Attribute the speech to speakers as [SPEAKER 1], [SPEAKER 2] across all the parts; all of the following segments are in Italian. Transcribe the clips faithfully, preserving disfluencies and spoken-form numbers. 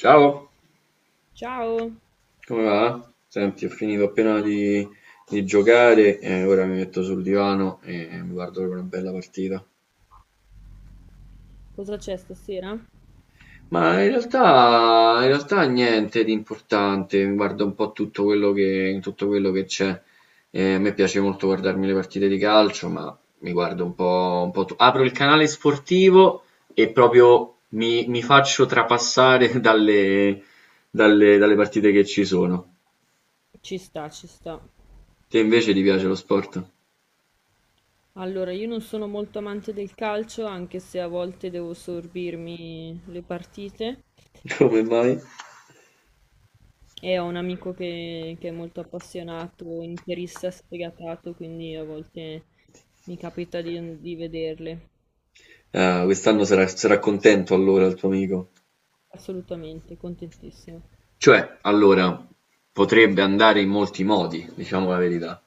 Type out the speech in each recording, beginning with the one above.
[SPEAKER 1] Ciao,
[SPEAKER 2] Ciao,
[SPEAKER 1] come va? Senti, ho finito appena di, di giocare e ora mi metto sul divano e mi guardo una bella partita.
[SPEAKER 2] cosa c'è stasera?
[SPEAKER 1] Ma in realtà, in realtà niente di importante, mi guardo un po' tutto quello che, tutto quello che c'è. Eh, a me piace molto guardarmi le partite di calcio, ma mi guardo un po', un po' tu- Apro il canale sportivo e proprio mi, mi faccio trapassare dalle, dalle dalle partite che ci sono.
[SPEAKER 2] Ci sta, ci sta.
[SPEAKER 1] Te invece ti piace lo sport?
[SPEAKER 2] Allora, io non sono molto amante del calcio, anche se a volte devo sorbirmi le partite.
[SPEAKER 1] Come mai?
[SPEAKER 2] E ho un amico che, che è molto appassionato, interista sfegatato, quindi a volte mi capita di, di vederle.
[SPEAKER 1] Ah, quest'anno sarà, sarà contento allora il tuo amico.
[SPEAKER 2] Assolutamente, contentissimo.
[SPEAKER 1] Cioè, allora, potrebbe andare in molti modi, diciamo la verità.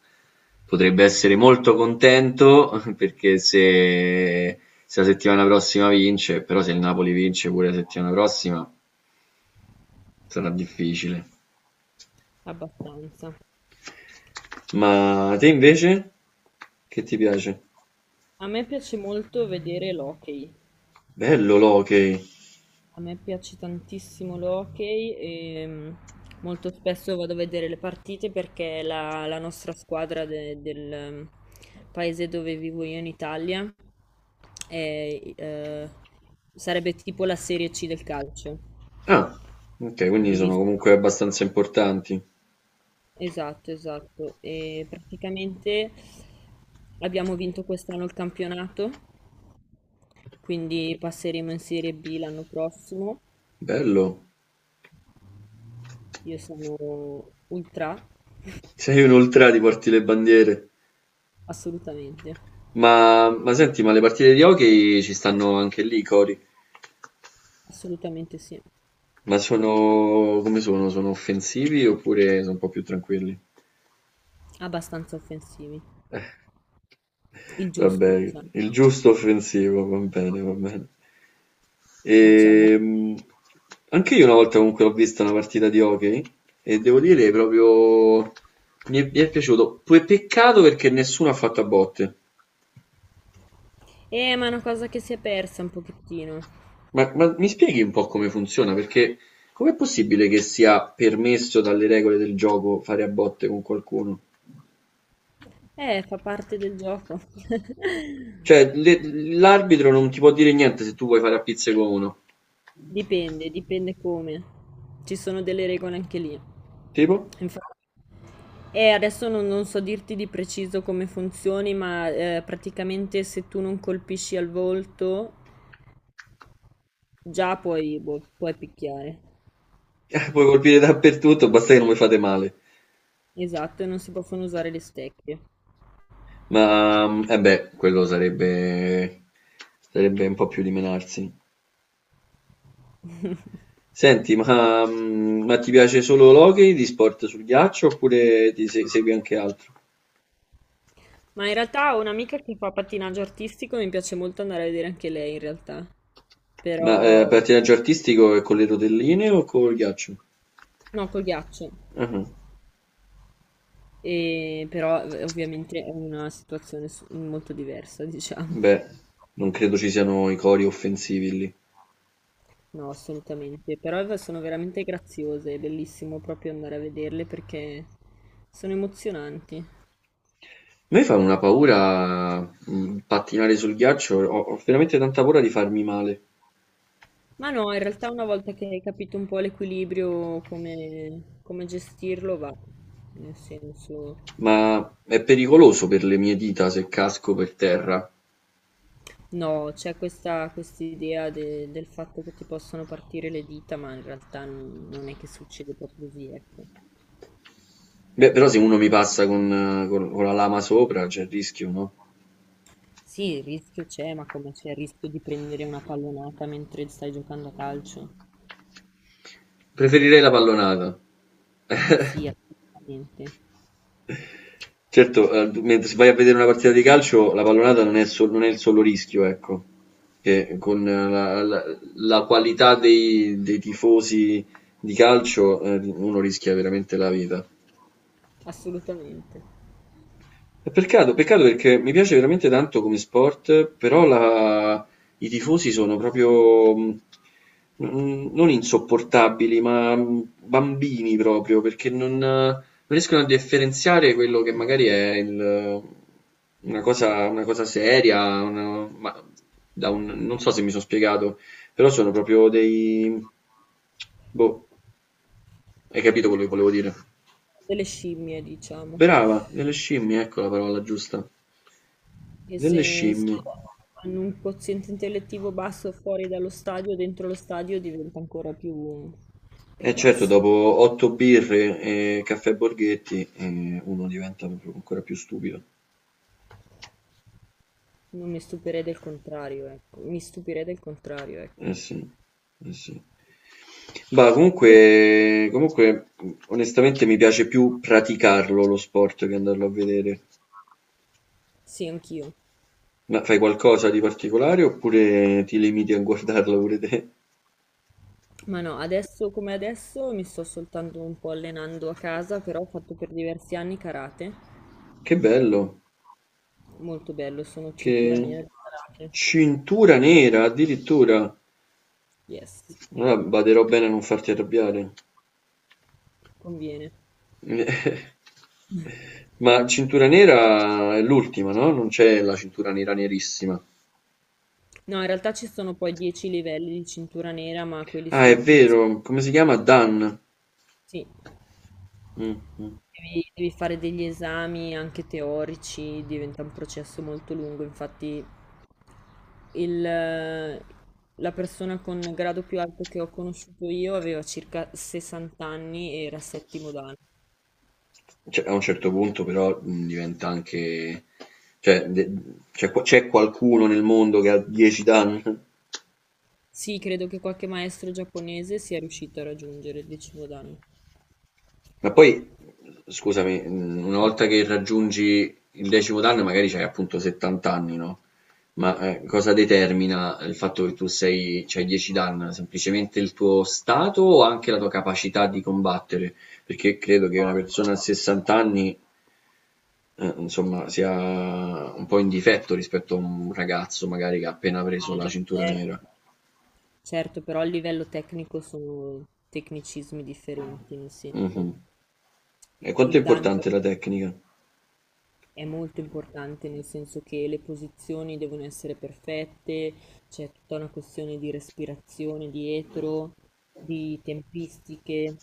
[SPEAKER 1] Potrebbe essere molto contento perché se, se la settimana prossima vince, però se il Napoli vince pure la settimana prossima sarà difficile.
[SPEAKER 2] Abbastanza.
[SPEAKER 1] Ma te invece? Che ti piace?
[SPEAKER 2] A me piace molto vedere l'hockey.
[SPEAKER 1] Bello l'hockey.
[SPEAKER 2] A me piace tantissimo l'hockey e mm, molto spesso vado a vedere le partite perché la, la nostra squadra de- del mm, paese dove vivo io in Italia è, eh, sarebbe tipo la Serie C del calcio.
[SPEAKER 1] Ah, ok,
[SPEAKER 2] È
[SPEAKER 1] quindi sono
[SPEAKER 2] diviso-
[SPEAKER 1] comunque abbastanza importanti.
[SPEAKER 2] Esatto, esatto. E praticamente abbiamo vinto quest'anno il campionato, quindi passeremo in Serie B l'anno prossimo.
[SPEAKER 1] Bello.
[SPEAKER 2] Io sono ultra.
[SPEAKER 1] Sei un ultra, ti porti le bandiere.
[SPEAKER 2] Assolutamente,
[SPEAKER 1] Ma, ma senti, ma le partite di hockey ci stanno anche lì, Cori?
[SPEAKER 2] assolutamente sì,
[SPEAKER 1] Ma sono come sono? Sono offensivi oppure sono un po' più tranquilli?
[SPEAKER 2] abbastanza offensivi, il giusto,
[SPEAKER 1] Vabbè,
[SPEAKER 2] diciamo.
[SPEAKER 1] il giusto offensivo, va bene, va bene.
[SPEAKER 2] Diciamo.
[SPEAKER 1] Ehm, anche io una volta comunque ho visto una partita di hockey e devo dire proprio mi è, mi è piaciuto. Poi peccato perché nessuno ha fatto a botte.
[SPEAKER 2] Eh, ma è una cosa che si è persa un pochettino.
[SPEAKER 1] Ma, ma mi spieghi un po' come funziona? Perché com'è possibile che sia permesso dalle regole del gioco fare a botte con qualcuno?
[SPEAKER 2] Eh, fa parte del gioco.
[SPEAKER 1] Cioè, le- l'arbitro non ti può dire niente se tu vuoi fare a pizze con uno.
[SPEAKER 2] Dipende, dipende come. Ci sono delle regole anche lì.
[SPEAKER 1] Tipo?
[SPEAKER 2] Infatti, eh, adesso non, non so dirti di preciso come funzioni, ma eh, praticamente se tu non colpisci al volto, già puoi, boh, puoi picchiare.
[SPEAKER 1] Eh, Puoi colpire dappertutto, basta che non vi fate male.
[SPEAKER 2] Esatto, e non si possono usare le stecche.
[SPEAKER 1] Ma, eh beh, quello sarebbe, sarebbe un po' più di menarsi. Senti, ma, mm, ma ti piace solo l'hockey di sport sul ghiaccio oppure ti se- segui anche altro?
[SPEAKER 2] Ma in realtà ho un'amica che fa pattinaggio artistico e mi piace molto andare a vedere anche lei in realtà.
[SPEAKER 1] Ma, eh,
[SPEAKER 2] Però,
[SPEAKER 1] pattinaggio artistico è con le rotelline o col ghiaccio?
[SPEAKER 2] no, col ghiaccio.
[SPEAKER 1] Ah,
[SPEAKER 2] E, però eh, ovviamente è una situazione s- molto diversa, diciamo.
[SPEAKER 1] Beh, non credo ci siano i cori offensivi lì.
[SPEAKER 2] No, assolutamente. Però eh, sono veramente graziose, è bellissimo proprio andare a vederle perché sono emozionanti.
[SPEAKER 1] A me fa una paura, mhmm, pattinare sul ghiaccio, ho ho veramente tanta paura di farmi male,
[SPEAKER 2] Ma no, in realtà una volta che hai capito un po' l'equilibrio, come, come gestirlo, va. Nel senso...
[SPEAKER 1] ma è pericoloso per le mie dita se casco per terra.
[SPEAKER 2] No, c'è questa idea del fatto che ti possano partire le dita, ma in realtà non, non è che succede proprio così, ecco.
[SPEAKER 1] Beh, però se uno mi passa con eh, con con la lama sopra c'è il rischio, no?
[SPEAKER 2] Sì, il rischio c'è, ma come c'è il rischio di prendere una pallonata mentre stai giocando a calcio?
[SPEAKER 1] Preferirei la pallonata.
[SPEAKER 2] Sì, assolutamente,
[SPEAKER 1] Certo, ehm, d mentre se vai a vedere una partita di calcio la pallonata non è sol non è il solo rischio, ecco, che con eh, la la la qualità dei dei tifosi di calcio, ehm, uno rischia veramente la vita.
[SPEAKER 2] assolutamente.
[SPEAKER 1] È peccato, peccato perché mi piace veramente tanto come sport, però la- i tifosi sono proprio mh, n- non insopportabili, ma mh, bambini proprio, perché non, non riescono a differenziare quello che magari è il- una cosa, una cosa seria, una- ma da un- non so se mi sono spiegato, però sono proprio dei... Boh, hai capito quello che volevo dire?
[SPEAKER 2] Delle scimmie, diciamo.
[SPEAKER 1] Brava, delle scimmie, ecco la parola giusta.
[SPEAKER 2] E
[SPEAKER 1] Delle
[SPEAKER 2] se, se
[SPEAKER 1] scimmie.
[SPEAKER 2] hanno un quoziente intellettivo basso fuori dallo stadio, dentro lo stadio diventa ancora più,
[SPEAKER 1] Eh
[SPEAKER 2] più
[SPEAKER 1] certo,
[SPEAKER 2] basso.
[SPEAKER 1] dopo otto birre e caffè Borghetti, ehm, uno diventa proprio ancora più stupido.
[SPEAKER 2] Non mi stupirei del contrario, ecco. Mi stupirei del contrario, ecco.
[SPEAKER 1] Eh sì, eh sì. Bah,
[SPEAKER 2] Inve-
[SPEAKER 1] comunque, comunque, mh, onestamente mi piace più praticarlo lo sport che andarlo a vedere.
[SPEAKER 2] Sì, anch'io.
[SPEAKER 1] Ma fai qualcosa di particolare oppure ti limiti a guardarlo pure te?
[SPEAKER 2] Ma no, adesso come adesso mi sto soltanto un po' allenando a casa, però ho fatto per diversi anni karate.
[SPEAKER 1] Che bello,
[SPEAKER 2] Molto bello, sono cintura nera
[SPEAKER 1] che
[SPEAKER 2] di karate.
[SPEAKER 1] cintura nera addirittura.
[SPEAKER 2] Yes,
[SPEAKER 1] Allora, baderò bene a non farti arrabbiare.
[SPEAKER 2] conviene.
[SPEAKER 1] Ma cintura nera è l'ultima, no? Non c'è la cintura nera nerissima.
[SPEAKER 2] No, in realtà ci sono poi dieci livelli di cintura nera, ma quelli
[SPEAKER 1] Ah,
[SPEAKER 2] si
[SPEAKER 1] è
[SPEAKER 2] acquisiscono.
[SPEAKER 1] vero, come si chiama? Dan.
[SPEAKER 2] Sì.
[SPEAKER 1] Mh, mh.
[SPEAKER 2] Devi, devi fare degli esami anche teorici, diventa un processo molto lungo, infatti il- la persona con grado più alto che ho conosciuto io aveva circa sessanta anni e era settimo dan.
[SPEAKER 1] Cioè, a un certo punto però mh, diventa anche... Cioè, de- c'è, qua- c'è qualcuno nel mondo che ha dieci Dan?
[SPEAKER 2] Sì, credo che qualche maestro giapponese sia riuscito a raggiungere il decimo dan.
[SPEAKER 1] Ma poi, scusami, mh, una volta che raggiungi il decimo danno, magari c'hai appunto settanta anni, no? Ma eh, cosa determina il fatto che tu sei, c'hai dieci danni? Semplicemente il tuo stato o anche la tua capacità di combattere? Perché credo che
[SPEAKER 2] No,
[SPEAKER 1] una
[SPEAKER 2] ancora
[SPEAKER 1] persona a
[SPEAKER 2] qua.
[SPEAKER 1] sessanta anni, eh, insomma, sia un po' in difetto rispetto a un ragazzo magari che ha appena preso
[SPEAKER 2] Ah,
[SPEAKER 1] la
[SPEAKER 2] beh,
[SPEAKER 1] cintura nera.
[SPEAKER 2] certo. Certo, però a livello tecnico sono tecnicismi differenti, nel
[SPEAKER 1] Mhm.
[SPEAKER 2] senso
[SPEAKER 1] E quanto è
[SPEAKER 2] il dan
[SPEAKER 1] importante la tecnica?
[SPEAKER 2] è molto importante nel senso che le posizioni devono essere perfette, c'è tutta una questione di respirazione dietro, di tempistiche.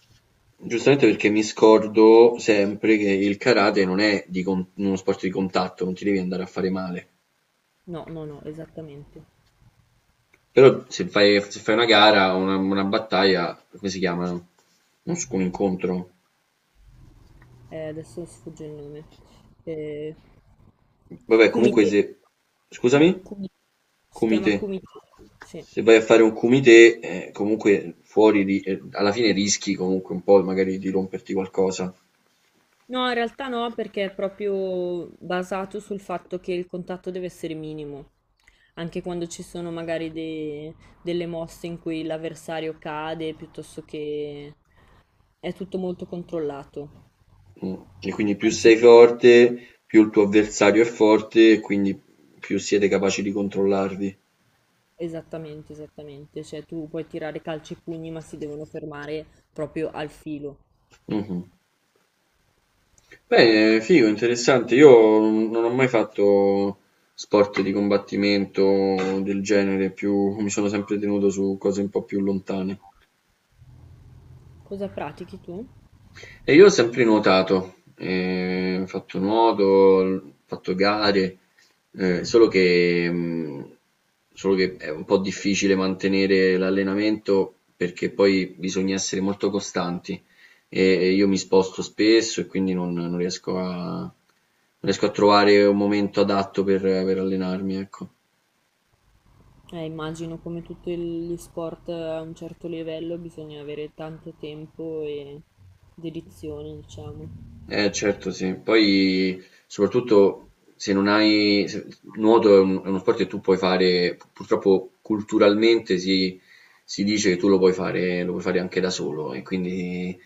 [SPEAKER 1] Giustamente perché mi scordo sempre che il karate non è di con- uno sport di contatto, non ti devi andare a fare male.
[SPEAKER 2] No, no, no, esattamente.
[SPEAKER 1] Però se fai, se fai una, gara, una, una battaglia, come si chiamano? Non so, un incontro.
[SPEAKER 2] Eh, adesso mi sfugge il nome. Eh,
[SPEAKER 1] Vabbè, comunque
[SPEAKER 2] Kumite.
[SPEAKER 1] se... Scusami?
[SPEAKER 2] Kumi- Si chiama
[SPEAKER 1] Kumite.
[SPEAKER 2] Kumite. Sì.
[SPEAKER 1] Se vai a fare un kumite, eh, comunque fuori di... eh, alla fine rischi comunque un po' magari di romperti qualcosa.
[SPEAKER 2] No, in realtà no, perché è proprio basato sul fatto che il contatto deve essere minimo, anche quando ci sono magari de- delle mosse in cui l'avversario cade, piuttosto che è tutto molto controllato.
[SPEAKER 1] Mm. E quindi più
[SPEAKER 2] Anzi,
[SPEAKER 1] sei
[SPEAKER 2] tu-
[SPEAKER 1] forte, più il tuo avversario è forte, e quindi più siete capaci di controllarvi.
[SPEAKER 2] esattamente, esattamente, cioè tu puoi tirare calci e pugni, ma si devono fermare proprio al filo.
[SPEAKER 1] Mh-mh. Beh, eh, figo, interessante. Io non ho mai fatto sport di combattimento del genere, più mi sono sempre tenuto su cose un po' più lontane.
[SPEAKER 2] Cosa pratichi tu?
[SPEAKER 1] E io ho sempre nuotato, ehm, ho fatto nuoto, ho fatto gare, ehm, solo che, mhmm, solo che è un po' difficile mantenere l'allenamento perché poi bisogna essere molto costanti e e io mi sposto spesso e quindi non non riesco a non riesco a trovare un momento adatto per per allenarmi, ecco.
[SPEAKER 2] Eh, immagino come tutti gli sport a un certo livello bisogna avere tanto tempo e dedizione, diciamo.
[SPEAKER 1] Eh certo sì, poi soprattutto se non hai... se- nuoto è un- è uno sport che tu puoi fare, purtroppo culturalmente si, si dice che tu lo puoi fare, lo puoi fare anche da solo e quindi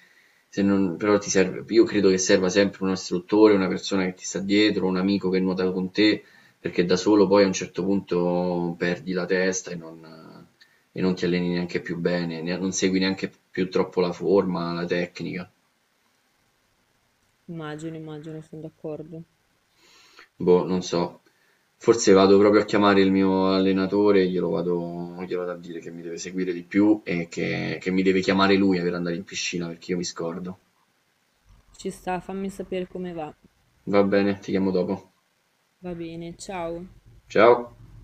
[SPEAKER 1] se non, però ti serve, io credo che serva sempre un istruttore, una persona che ti sta dietro, un amico che nuota con te, perché da solo poi a un certo punto perdi la testa e non, e non ti alleni neanche più bene, ne- non segui neanche più troppo la forma, la tecnica.
[SPEAKER 2] Immagino, immagino, sono d'accordo.
[SPEAKER 1] Boh, non so. Forse vado proprio a chiamare il mio allenatore e glielo vado, glielo vado a dire che mi deve seguire di più e che, che mi deve chiamare lui per andare in piscina perché io mi scordo.
[SPEAKER 2] Ci sta, fammi sapere come va.
[SPEAKER 1] Va bene, ti chiamo dopo.
[SPEAKER 2] Va bene, ciao.
[SPEAKER 1] Ciao.